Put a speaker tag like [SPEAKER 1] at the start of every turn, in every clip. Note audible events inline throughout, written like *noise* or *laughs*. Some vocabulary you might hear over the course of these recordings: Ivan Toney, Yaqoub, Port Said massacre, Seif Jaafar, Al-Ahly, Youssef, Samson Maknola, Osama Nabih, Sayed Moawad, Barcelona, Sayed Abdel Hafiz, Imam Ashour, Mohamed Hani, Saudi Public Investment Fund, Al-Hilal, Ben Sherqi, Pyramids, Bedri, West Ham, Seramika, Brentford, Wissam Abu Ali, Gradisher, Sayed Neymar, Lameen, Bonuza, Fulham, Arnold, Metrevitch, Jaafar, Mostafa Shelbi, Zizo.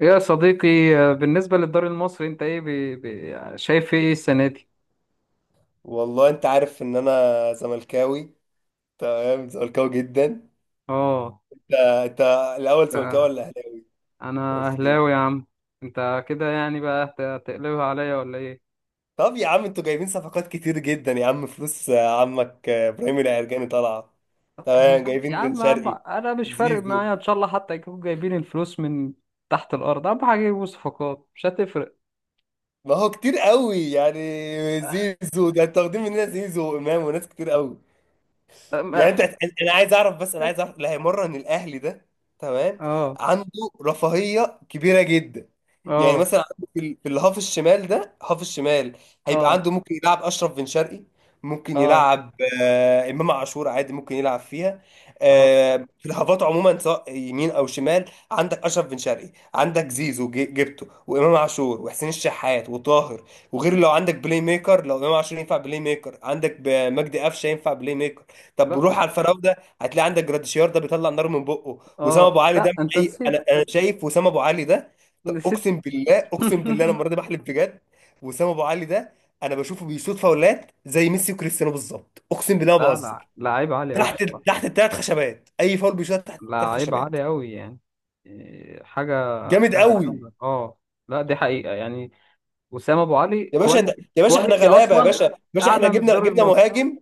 [SPEAKER 1] يا صديقي، بالنسبة للدوري المصري انت شايف ايه السنة دي؟
[SPEAKER 2] والله انت عارف ان انا زملكاوي. تمام، زملكاوي جدا.
[SPEAKER 1] اه.
[SPEAKER 2] انت انت الاول زملكاوي
[SPEAKER 1] آه،
[SPEAKER 2] ولا اهلاوي؟
[SPEAKER 1] انا
[SPEAKER 2] قلت لي.
[SPEAKER 1] اهلاوي يا عم. انت كده يعني بقى هتقلبها عليا ولا ايه؟
[SPEAKER 2] طب يا عم، انتوا جايبين صفقات كتير جدا يا عم، فلوس عمك ابراهيم العرجاني طالعه.
[SPEAKER 1] طب
[SPEAKER 2] تمام،
[SPEAKER 1] يا
[SPEAKER 2] جايبين بن
[SPEAKER 1] عم يا عم،
[SPEAKER 2] شرقي،
[SPEAKER 1] انا مش فارق
[SPEAKER 2] زيزو.
[SPEAKER 1] معايا ان شاء الله حتى يكونوا جايبين الفلوس من تحت الارض. اهم حاجة يجيبوا صفقات مش هتفرق.
[SPEAKER 2] ما هو كتير قوي يعني. زيزو ده انتوا واخدين مننا زيزو وامام وناس كتير قوي. يعني انا عايز اعرف، بس انا عايز اعرف اللي هيمرن الاهلي ده. تمام.
[SPEAKER 1] اه اه
[SPEAKER 2] عنده رفاهيه كبيره جدا. يعني
[SPEAKER 1] اه
[SPEAKER 2] مثلا عنده في الهاف الشمال ده، هاف الشمال هيبقى
[SPEAKER 1] اه
[SPEAKER 2] عنده ممكن يلعب اشرف بن شرقي. ممكن
[SPEAKER 1] اه
[SPEAKER 2] يلعب. امام عاشور عادي ممكن يلعب فيها.
[SPEAKER 1] آه.
[SPEAKER 2] في الهافات عموما، سواء يمين او شمال. عندك اشرف بن شرقي، عندك زيزو جبته، وامام عاشور وحسين الشحات وطاهر. وغير لو عندك بلاي ميكر، لو امام عاشور ينفع بلاي ميكر، عندك مجدي قفشه ينفع بلاي ميكر. طب روح
[SPEAKER 1] لا،
[SPEAKER 2] على الفراوده، هتلاقي عندك جراديشيار ده بيطلع نار من بقه. وسام ابو
[SPEAKER 1] اه
[SPEAKER 2] علي ده
[SPEAKER 1] لا،
[SPEAKER 2] مش
[SPEAKER 1] انت
[SPEAKER 2] أي.
[SPEAKER 1] نسيت،
[SPEAKER 2] انا شايف وسام ابو علي ده،
[SPEAKER 1] نسيت.
[SPEAKER 2] اقسم بالله
[SPEAKER 1] *laughs*
[SPEAKER 2] اقسم بالله، انا المره دي بحلف بجد. وسام ابو علي ده، انا بشوفه بيشوط فاولات زي ميسي وكريستيانو بالظبط، اقسم بالله ما
[SPEAKER 1] لا لا،
[SPEAKER 2] بهزر.
[SPEAKER 1] لعيب عالي قوي
[SPEAKER 2] تحت
[SPEAKER 1] بصراحة.
[SPEAKER 2] تحت الثلاث خشبات، اي فاول بيشوط تحت الثلاث
[SPEAKER 1] لعيب
[SPEAKER 2] خشبات.
[SPEAKER 1] عالي قوي يعني. إيه، حاجة،
[SPEAKER 2] جامد
[SPEAKER 1] حاجة
[SPEAKER 2] قوي.
[SPEAKER 1] جامدة اه. لا دي حقيقة يعني. وسام ابو علي
[SPEAKER 2] يا باشا، ده
[SPEAKER 1] كواليتي،
[SPEAKER 2] يا باشا احنا
[SPEAKER 1] كواليتي
[SPEAKER 2] غلابه يا باشا،
[SPEAKER 1] اصلا
[SPEAKER 2] يا باشا احنا
[SPEAKER 1] اعلى من
[SPEAKER 2] جبنا
[SPEAKER 1] الدوري
[SPEAKER 2] جبنا
[SPEAKER 1] المصري.
[SPEAKER 2] مهاجم.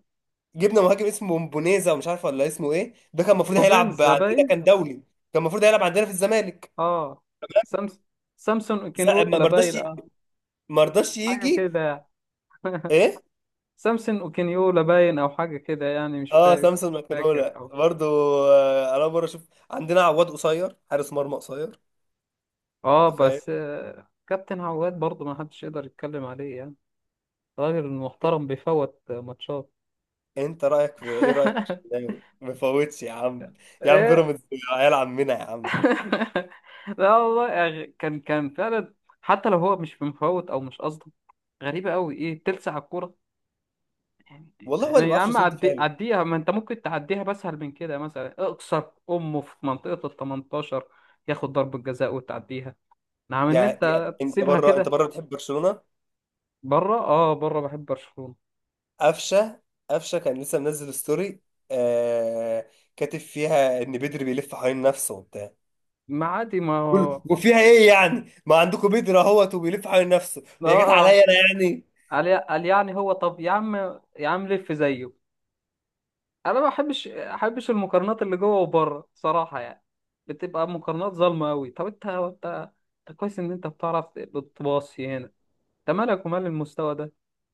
[SPEAKER 2] جبنا مهاجم اسمه بونيزا ومش عارف ولا اسمه ايه، ده كان المفروض
[SPEAKER 1] بوبينز
[SPEAKER 2] هيلعب
[SPEAKER 1] ده
[SPEAKER 2] عندنا،
[SPEAKER 1] باين
[SPEAKER 2] كان دولي. كان المفروض هيلعب عندنا في الزمالك.
[SPEAKER 1] اه، سامس سامسون
[SPEAKER 2] ما
[SPEAKER 1] اوكينيولا
[SPEAKER 2] ما رضاش
[SPEAKER 1] باين، اه
[SPEAKER 2] ما رضاش
[SPEAKER 1] حاجة
[SPEAKER 2] يجي.
[SPEAKER 1] كده.
[SPEAKER 2] ايه؟
[SPEAKER 1] سامسون اوكينيولا باين او حاجة كده يعني، مش
[SPEAKER 2] اه،
[SPEAKER 1] فاكر،
[SPEAKER 2] سامسون
[SPEAKER 1] مش فاكر
[SPEAKER 2] ماكنولا
[SPEAKER 1] او
[SPEAKER 2] برضو. انا مره اشوف عندنا عواد قصير، حارس مرمى قصير.
[SPEAKER 1] اه.
[SPEAKER 2] انت فاهم.
[SPEAKER 1] بس آه، كابتن عواد برضه ما حدش يقدر يتكلم عليه يعني. راجل محترم بيفوت ماتشات.
[SPEAKER 2] انت رايك في ايه؟ رايك في
[SPEAKER 1] *laughs*
[SPEAKER 2] الشناوي ما فوتش يا عم. يا عم بيراميدز، عيال عمنا يا عم.
[SPEAKER 1] *laughs* لا والله يعني، كان كان فعلا. حتى لو هو مش مفوت او مش قصده، غريبه قوي ايه تلسع الكوره.
[SPEAKER 2] والله هو اللي ما
[SPEAKER 1] يعني يا
[SPEAKER 2] بيعرفش
[SPEAKER 1] عم
[SPEAKER 2] يصد
[SPEAKER 1] عدي،
[SPEAKER 2] فعلا.
[SPEAKER 1] عديها، ما انت ممكن تعديها بسهل من كده، مثلا اقصر امه في منطقه ال 18 ياخد ضربه جزاء وتعديها. نعم، ان
[SPEAKER 2] يعني
[SPEAKER 1] انت
[SPEAKER 2] انت
[SPEAKER 1] تسيبها
[SPEAKER 2] بره،
[SPEAKER 1] كده.
[SPEAKER 2] بتحب برشلونه.
[SPEAKER 1] بره اه، بره بحب برشلونه.
[SPEAKER 2] قفشه، كان لسه منزل ستوري. آه... كاتب فيها ان بدري بيلف حوالين نفسه وبتاع.
[SPEAKER 1] ما عادي، ما هو- اه.
[SPEAKER 2] وفيها ايه يعني، ما عندكم بيدر اهوت وبيلف حوالين نفسه، هي جت
[SPEAKER 1] آه.
[SPEAKER 2] عليا انا يعني.
[SPEAKER 1] قال قال يعني، هو طب يا عم، يا عم لف زيه. انا ما بحبش المقارنات اللي جوه وبره صراحه يعني، بتبقى مقارنات ظالمه قوي. طب انت انت كويس ان انت بتعرف بتباصي هنا، انت مالك ومال المستوى ده.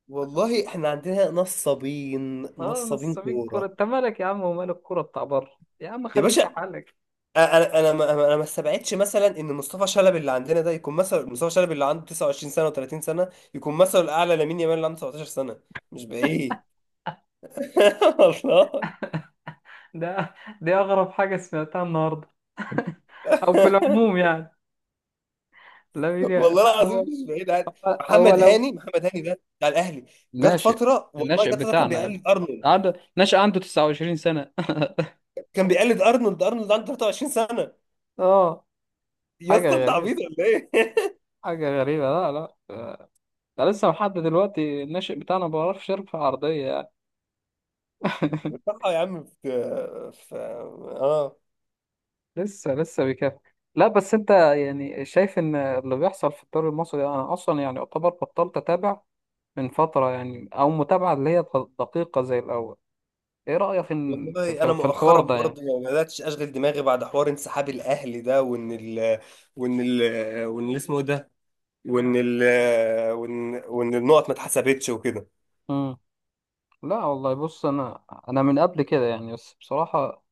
[SPEAKER 2] والله احنا عندنا نصابين،
[SPEAKER 1] اه
[SPEAKER 2] نصابين
[SPEAKER 1] نصابين كوره،
[SPEAKER 2] كوره.
[SPEAKER 1] انت مالك يا عم ومال الكوره بتاع بره، يا عم
[SPEAKER 2] يا
[SPEAKER 1] خليك
[SPEAKER 2] باشا،
[SPEAKER 1] في
[SPEAKER 2] أ-
[SPEAKER 1] حالك.
[SPEAKER 2] انا انا ما انا ما استبعدش مثلا ان مصطفى شلبي اللي عندنا ده يكون مثلا مصطفى شلبي اللي عنده 29 سنه و30 سنه، يكون مثلا الاعلى لامين يامال اللي عنده 17 سنه. مش بعيد. *laughs* والله،
[SPEAKER 1] ده دي اغرب حاجه سمعتها النهارده او في العموم يعني.
[SPEAKER 2] والله
[SPEAKER 1] لا،
[SPEAKER 2] العظيم
[SPEAKER 1] هو
[SPEAKER 2] مش بعيد، عادي.
[SPEAKER 1] هو
[SPEAKER 2] محمد
[SPEAKER 1] لو
[SPEAKER 2] هاني، محمد هاني ده بتاع الاهلي، جت
[SPEAKER 1] ناشئ،
[SPEAKER 2] فتره والله،
[SPEAKER 1] الناشئ
[SPEAKER 2] جت فتره كان
[SPEAKER 1] بتاعنا،
[SPEAKER 2] بيقلد ارنولد.
[SPEAKER 1] عنده ناشئ عنده 29 سنه. *laughs*
[SPEAKER 2] كان بيقلد ارنولد. ارنولد عنده 23 سنه.
[SPEAKER 1] اه
[SPEAKER 2] يا
[SPEAKER 1] حاجه
[SPEAKER 2] اسطى انت
[SPEAKER 1] غريبه،
[SPEAKER 2] عبيط ولا ايه؟ *laughs*
[SPEAKER 1] حاجه غريبه. لا لا، ده لسه لحد دلوقتي الناشئ بتاعنا ما بيعرفش يرفع عرضية يعني. *laughs*
[SPEAKER 2] بصراحة يا عم، في في اه
[SPEAKER 1] لسه بيكافح. لا بس انت يعني شايف ان اللي بيحصل في الدوري المصري ده، انا اصلا يعني اعتبر بطلت اتابع من فترة يعني، او متابعة اللي هي دقيقة زي الاول. ايه رأيك
[SPEAKER 2] والله انا
[SPEAKER 1] في الحوار
[SPEAKER 2] مؤخرا
[SPEAKER 1] ده يعني؟
[SPEAKER 2] برضو ما بداتش اشغل دماغي بعد حوار انسحاب الاهلي ده، وان ال وان اللي اسمه إيه ده، وان ال وان وان النقط ما اتحسبتش وكده.
[SPEAKER 1] لا والله بص، انا من قبل كده يعني بس بصراحة،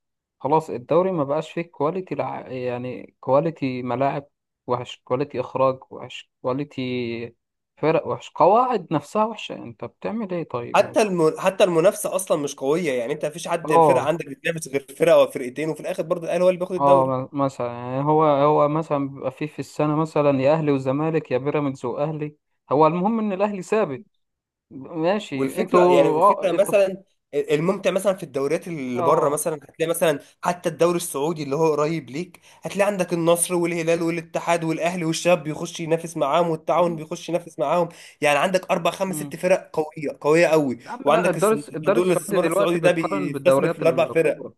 [SPEAKER 1] خلاص الدوري ما بقاش فيه كواليتي. يعني كواليتي ملاعب وحش، كواليتي اخراج وحش، كواليتي فرق وحش، قواعد نفسها وحشة، يعني انت بتعمل ايه طيب يعني.
[SPEAKER 2] حتى المنافسه اصلا مش قويه. يعني انت مفيش حد، فرقه
[SPEAKER 1] اه
[SPEAKER 2] عندك بتنافس غير فرقه او فرقتين، وفي الاخر برضو الاهلي هو اللي بياخد الدوري.
[SPEAKER 1] اه، مثلا يعني، هو مثلا بيبقى فيه في السنة مثلا يا اهلي وزمالك، يا بيراميدز واهلي، هو المهم ان الاهلي ثابت. ماشي. انتوا
[SPEAKER 2] والفكره يعني،
[SPEAKER 1] اه،
[SPEAKER 2] الفكره
[SPEAKER 1] انتوا في...
[SPEAKER 2] مثلا الممتع مثلا في الدوريات اللي بره،
[SPEAKER 1] اه
[SPEAKER 2] مثلا هتلاقي مثلا حتى الدوري السعودي اللي هو قريب ليك، هتلاقي عندك النصر والهلال والاتحاد والاهلي، والشباب بيخش ينافس معاهم،
[SPEAKER 1] يا
[SPEAKER 2] والتعاون بيخش ينافس معاهم. يعني عندك اربع خمس
[SPEAKER 1] عم،
[SPEAKER 2] ست فرق قويه، قويه قوي.
[SPEAKER 1] يا عم لا،
[SPEAKER 2] وعندك
[SPEAKER 1] الدار
[SPEAKER 2] صندوق
[SPEAKER 1] السعودي
[SPEAKER 2] الاستثمار
[SPEAKER 1] دلوقتي
[SPEAKER 2] السعودي ده
[SPEAKER 1] بتقارن
[SPEAKER 2] بيستثمر في
[SPEAKER 1] بالدوريات
[SPEAKER 2] الاربع فرق.
[SPEAKER 1] الكبرى،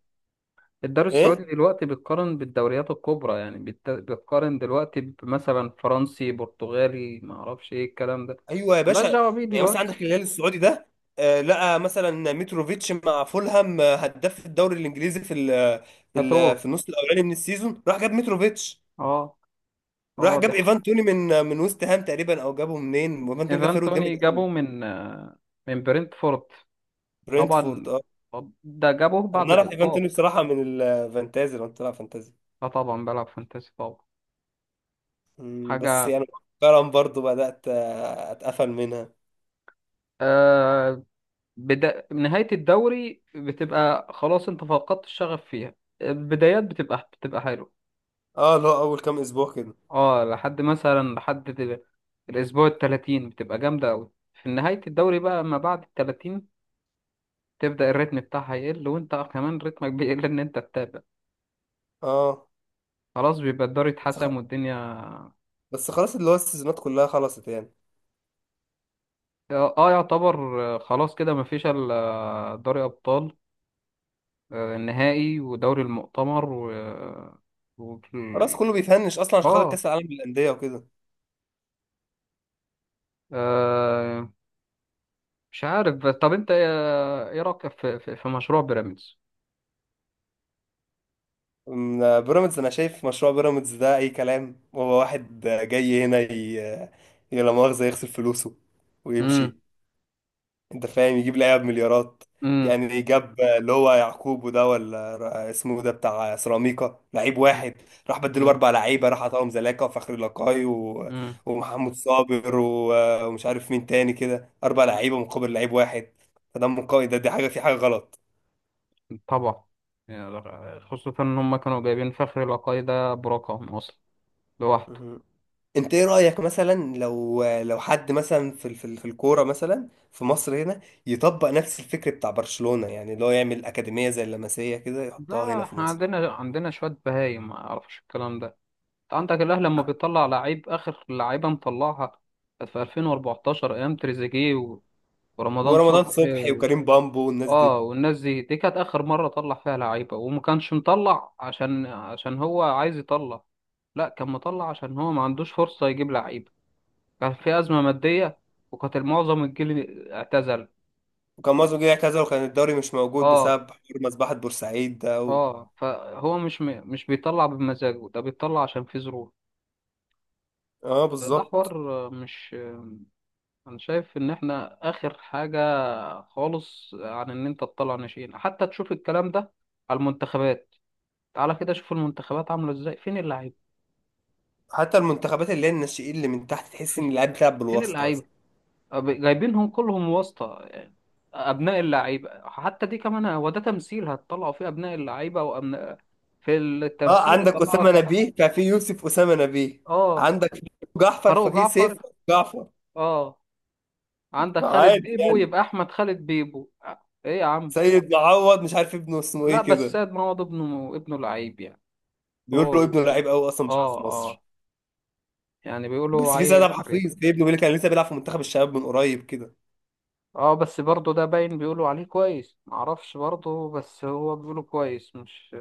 [SPEAKER 1] الدار السعودي
[SPEAKER 2] ايه،
[SPEAKER 1] دلوقتي بتقارن بالدوريات الكبرى يعني، بتقارن دلوقتي بمثلا فرنسي، برتغالي، ما اعرفش ايه الكلام ده،
[SPEAKER 2] ايوه يا
[SPEAKER 1] ملهاش
[SPEAKER 2] باشا.
[SPEAKER 1] دعوة بيه
[SPEAKER 2] يعني مثلا
[SPEAKER 1] دلوقتي.
[SPEAKER 2] عندك الهلال السعودي ده، لقى مثلا متروفيتش مع فولهام، هداف الدوري الانجليزي في ال في
[SPEAKER 1] هاتوه
[SPEAKER 2] ال في النص الاولاني من السيزون، راح جاب متروفيتش.
[SPEAKER 1] اه
[SPEAKER 2] راح
[SPEAKER 1] اه.
[SPEAKER 2] جاب ايفان توني من من ويست هام تقريبا، او جابه منين. وايفان توني ده
[SPEAKER 1] ايفان
[SPEAKER 2] فيرود جامد
[SPEAKER 1] توني
[SPEAKER 2] قوي.
[SPEAKER 1] جابه من آه، من برنتفورد
[SPEAKER 2] برنتفورد،
[SPEAKER 1] طبعا.
[SPEAKER 2] اه.
[SPEAKER 1] طب ده جابه بعد
[SPEAKER 2] انا اعرف ايفان
[SPEAKER 1] الإقاب.
[SPEAKER 2] توني بصراحه من الفانتازي، لو انت بتلعب فانتازي.
[SPEAKER 1] اه طبعا بلعب فانتاسي طبعا.
[SPEAKER 2] بس
[SPEAKER 1] حاجة.
[SPEAKER 2] يعني مؤخرا برضو بدات اتقفل منها.
[SPEAKER 1] آه، نهاية الدوري بتبقى خلاص انت فقدت الشغف فيها، البدايات بتبقى حلوة.
[SPEAKER 2] اه، اللي هو اول كام اسبوع كده.
[SPEAKER 1] اه لحد مثلا الأسبوع التلاتين بتبقى جامدة أوي. في نهاية الدوري بقى ما بعد التلاتين تبدأ الريتم بتاعها يقل، وانت كمان رتمك *laughs* بيقل ان انت تتابع.
[SPEAKER 2] اه،
[SPEAKER 1] خلاص بيبقى الدوري
[SPEAKER 2] بس خ-
[SPEAKER 1] اتحسم والدنيا
[SPEAKER 2] بس خلاص، اللي هو السيزونات كلها خلصت يعني.
[SPEAKER 1] اه، يعتبر آه، خلاص كده مفيش الا دوري أبطال، آه، النهائي ودوري المؤتمر و... و...
[SPEAKER 2] خلاص، كله بيفنش اصلا عشان خاطر
[SPEAKER 1] اه
[SPEAKER 2] كاس العالم للانديه وكده.
[SPEAKER 1] آه، مش عارف. بس طب انت ايه، إيه رايك في في, في مشروع بيراميدز؟
[SPEAKER 2] بيراميدز، انا شايف مشروع بيراميدز ده اي كلام. هو واحد جاي هنا لا مؤاخذه يغسل فلوسه
[SPEAKER 1] امم
[SPEAKER 2] ويمشي. انت فاهم، يجيب لعيبه بمليارات.
[SPEAKER 1] امم
[SPEAKER 2] يعني جاب اللي هو يعقوب، وده ولا اسمه ده بتاع سيراميكا، لعيب واحد راح بدله
[SPEAKER 1] امم
[SPEAKER 2] اربع لعيبه، راح عطاهم زلاكا وفخري لقاي،
[SPEAKER 1] امم.
[SPEAKER 2] ومحمود صابر، ومش عارف مين تاني كده، اربع لعيبه مقابل لعيب واحد. فده من قوي، ده دي حاجه، في حاجه غلط.
[SPEAKER 1] طبعا يعني، خصوصا ان هم كانوا جايبين فخر لقاي ده برقم اصلا لوحده.
[SPEAKER 2] مهم. انت ايه رأيك مثلا، لو حد مثلا في الكورة مثلا في مصر هنا يطبق نفس الفكر بتاع برشلونة، يعني اللي هو يعمل أكاديمية زي اللمسية كده،
[SPEAKER 1] لا
[SPEAKER 2] يحطها
[SPEAKER 1] لا،
[SPEAKER 2] هنا في
[SPEAKER 1] احنا
[SPEAKER 2] مصر.
[SPEAKER 1] عندنا، عندنا شويه بهايم ما اعرفش الكلام ده. انت عندك الاهلي لما بيطلع لعيب اخر لعيبه مطلعها كانت في 2014 ايام تريزيجيه ورمضان
[SPEAKER 2] ورمضان
[SPEAKER 1] صبحي.
[SPEAKER 2] صبحي وكريم بامبو والناس دي.
[SPEAKER 1] اه والناس دي، دي كانت اخر مره طلع فيها لعيبه، وما كانش مطلع عشان، هو عايز يطلع. لا، كان مطلع عشان هو ما عندوش فرصه يجيب لعيبه، كان في ازمه ماديه، وكانت معظم الجيل اعتزل.
[SPEAKER 2] وكان مازو اعتزل، وكان الدوري مش موجود
[SPEAKER 1] اه
[SPEAKER 2] بسبب حوار مذبحة بورسعيد ده.
[SPEAKER 1] اه، فهو مش بيطلع بمزاجه، ده بيطلع عشان في ظروف.
[SPEAKER 2] اه،
[SPEAKER 1] ده حوار،
[SPEAKER 2] بالظبط.
[SPEAKER 1] مش، انا شايف ان احنا اخر حاجه خالص عن ان انت تطلع ناشئين. حتى تشوف الكلام ده على المنتخبات، تعالى كده شوف المنتخبات عامله ازاي، فين اللعيبه؟
[SPEAKER 2] حتى المنتخبات اللي هي الناشئين اللي من تحت، تحس ان
[SPEAKER 1] *laughs*
[SPEAKER 2] اللاعب بيلعب
[SPEAKER 1] فين
[SPEAKER 2] بالواسطة
[SPEAKER 1] اللعيبة؟
[SPEAKER 2] اصلا.
[SPEAKER 1] جايبينهم كلهم واسطة يعني. أبناء اللعيبة حتى دي كمان، هو ده تمثيل هتطلعوا فيه أبناء اللعيبة وأبناء في
[SPEAKER 2] اه،
[SPEAKER 1] التمثيل
[SPEAKER 2] عندك
[SPEAKER 1] يطلع
[SPEAKER 2] أسامة
[SPEAKER 1] لك.
[SPEAKER 2] نبيه ففي يوسف أسامة نبيه.
[SPEAKER 1] اه
[SPEAKER 2] عندك جعفر
[SPEAKER 1] فاروق
[SPEAKER 2] ففي سيف
[SPEAKER 1] جعفر
[SPEAKER 2] جعفر.
[SPEAKER 1] اه. عندك خالد
[SPEAKER 2] فعادي
[SPEAKER 1] بيبو
[SPEAKER 2] يعني.
[SPEAKER 1] يبقى أحمد خالد بيبو، آه، إيه يا عم.
[SPEAKER 2] سيد معوض مش عارف ابنه اسمه
[SPEAKER 1] لا
[SPEAKER 2] ايه
[SPEAKER 1] بس
[SPEAKER 2] كده.
[SPEAKER 1] سيد معوض ابنه، ابنه لعيب يعني.
[SPEAKER 2] بيقول له
[SPEAKER 1] هو
[SPEAKER 2] ابنه لعيب قوي، اصلا مش قوي في
[SPEAKER 1] اه
[SPEAKER 2] مصر.
[SPEAKER 1] اه، يعني بيقولوا
[SPEAKER 2] بس في سيد
[SPEAKER 1] عيل
[SPEAKER 2] عبد
[SPEAKER 1] حريف.
[SPEAKER 2] الحفيظ، في ابنه بيقول لك كان لسه بيلعب في منتخب الشباب من قريب كده.
[SPEAKER 1] اه بس برضه ده باين بيقولوا عليه كويس، معرفش برضه، بس هو بيقولوا كويس مش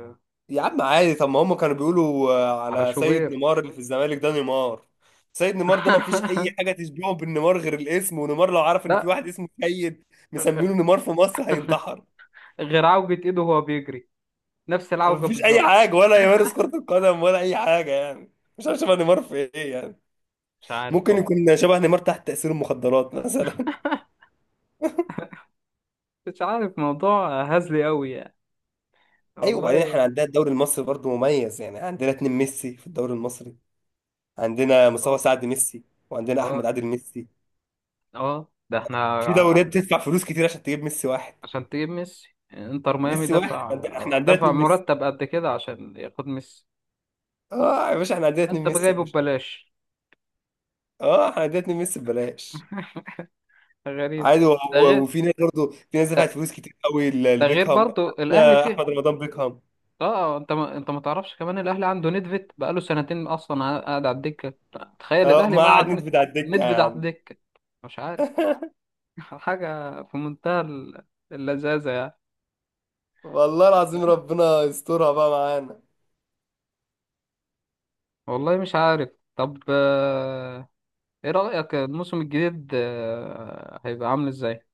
[SPEAKER 2] يا عم عادي، طب ما هم كانوا بيقولوا
[SPEAKER 1] على
[SPEAKER 2] على سيد
[SPEAKER 1] شوبير.
[SPEAKER 2] نيمار اللي في الزمالك ده، نيمار. سيد نيمار ده ما فيش اي
[SPEAKER 1] *laughs*
[SPEAKER 2] حاجه تشبهه بالنيمار غير الاسم. ونيمار لو عرف ان في
[SPEAKER 1] لا،
[SPEAKER 2] واحد اسمه سيد مسمينه نيمار في مصر، هينتحر.
[SPEAKER 1] غير عوجة ايده وهو بيجري، نفس
[SPEAKER 2] ما
[SPEAKER 1] العوجة
[SPEAKER 2] فيش اي
[SPEAKER 1] بالظبط.
[SPEAKER 2] حاجه، ولا يمارس كره القدم ولا اي حاجه يعني. مش عارف شبه نيمار في ايه يعني.
[SPEAKER 1] مش عارف
[SPEAKER 2] ممكن
[SPEAKER 1] والله،
[SPEAKER 2] يكون شبه نيمار تحت تاثير المخدرات *laughs* مثلا.
[SPEAKER 1] مش عارف، موضوع هزلي قوي يعني.
[SPEAKER 2] ايوه،
[SPEAKER 1] والله
[SPEAKER 2] وبعدين احنا
[SPEAKER 1] يعني.
[SPEAKER 2] عندنا الدوري المصري برضو مميز، يعني عندنا اتنين ميسي في الدوري المصري. عندنا مصطفى
[SPEAKER 1] اه
[SPEAKER 2] سعد ميسي، وعندنا احمد
[SPEAKER 1] اه
[SPEAKER 2] عادل ميسي.
[SPEAKER 1] اه، ده
[SPEAKER 2] في
[SPEAKER 1] احنا،
[SPEAKER 2] دوريات بتدفع فلوس كتير عشان تجيب ميسي واحد.
[SPEAKER 1] عشان تجيب ميسي انتر ميامي
[SPEAKER 2] ميسي واحد،
[SPEAKER 1] دفع،
[SPEAKER 2] احنا عندنا
[SPEAKER 1] دفع
[SPEAKER 2] اتنين ميسي.
[SPEAKER 1] مرتب قد كده عشان ياخد ميسي،
[SPEAKER 2] اه يا باشا، احنا عندنا اتنين
[SPEAKER 1] انت
[SPEAKER 2] ميسي يا
[SPEAKER 1] جايبه
[SPEAKER 2] باشا.
[SPEAKER 1] ببلاش.
[SPEAKER 2] اه، احنا عندنا اتنين ميسي ببلاش.
[SPEAKER 1] *laughs* غريب.
[SPEAKER 2] عادي.
[SPEAKER 1] ده غير،
[SPEAKER 2] وفي ناس برضو، في ناس
[SPEAKER 1] ده،
[SPEAKER 2] دفعت فلوس كتير قوي
[SPEAKER 1] ده غير
[SPEAKER 2] لبيكهام.
[SPEAKER 1] برضو الاهلي
[SPEAKER 2] يا
[SPEAKER 1] فيه
[SPEAKER 2] احمد رمضان بيكهام.
[SPEAKER 1] اه. اه، انت ما تعرفش كمان الاهلي عنده نيدفيد بقاله سنتين اصلا قاعد على الدكه. تخيل
[SPEAKER 2] اه،
[SPEAKER 1] الاهلي،
[SPEAKER 2] ما
[SPEAKER 1] ما
[SPEAKER 2] قعد
[SPEAKER 1] قعد
[SPEAKER 2] نت
[SPEAKER 1] ن-
[SPEAKER 2] بتاع الدكه يا
[SPEAKER 1] نيدفيد على
[SPEAKER 2] عم.
[SPEAKER 1] الدكه، مش عارف.
[SPEAKER 2] *laughs*
[SPEAKER 1] *laughs* حاجه في منتهى اللذاذه يعني.
[SPEAKER 2] والله العظيم ربنا يسترها بقى معانا.
[SPEAKER 1] والله مش عارف. طب آه، ايه رايك الموسم الجديد آه، هيبقى عامل ازاي؟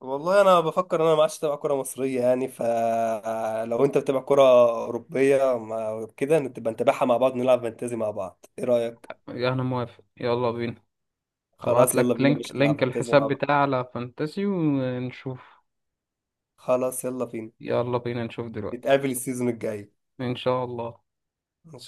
[SPEAKER 2] والله انا بفكر ان انا ما عادش اتابع كره مصريه يعني. فلو انت بتتابع كره اوروبيه، كده نبقى نتابعها مع بعض، نلعب فانتازي مع بعض، ايه رايك؟
[SPEAKER 1] انا موافق، يلا بينا. هبعت
[SPEAKER 2] خلاص، يلا
[SPEAKER 1] لك
[SPEAKER 2] بينا،
[SPEAKER 1] لينك،
[SPEAKER 2] مش نلعب
[SPEAKER 1] لينك
[SPEAKER 2] فانتازي
[SPEAKER 1] الحساب
[SPEAKER 2] مع بعض.
[SPEAKER 1] بتاعي على فانتسي ونشوف.
[SPEAKER 2] خلاص يلا بينا،
[SPEAKER 1] يلا بينا نشوف دلوقتي.
[SPEAKER 2] نتقابل السيزون الجاي.
[SPEAKER 1] ان شاء الله.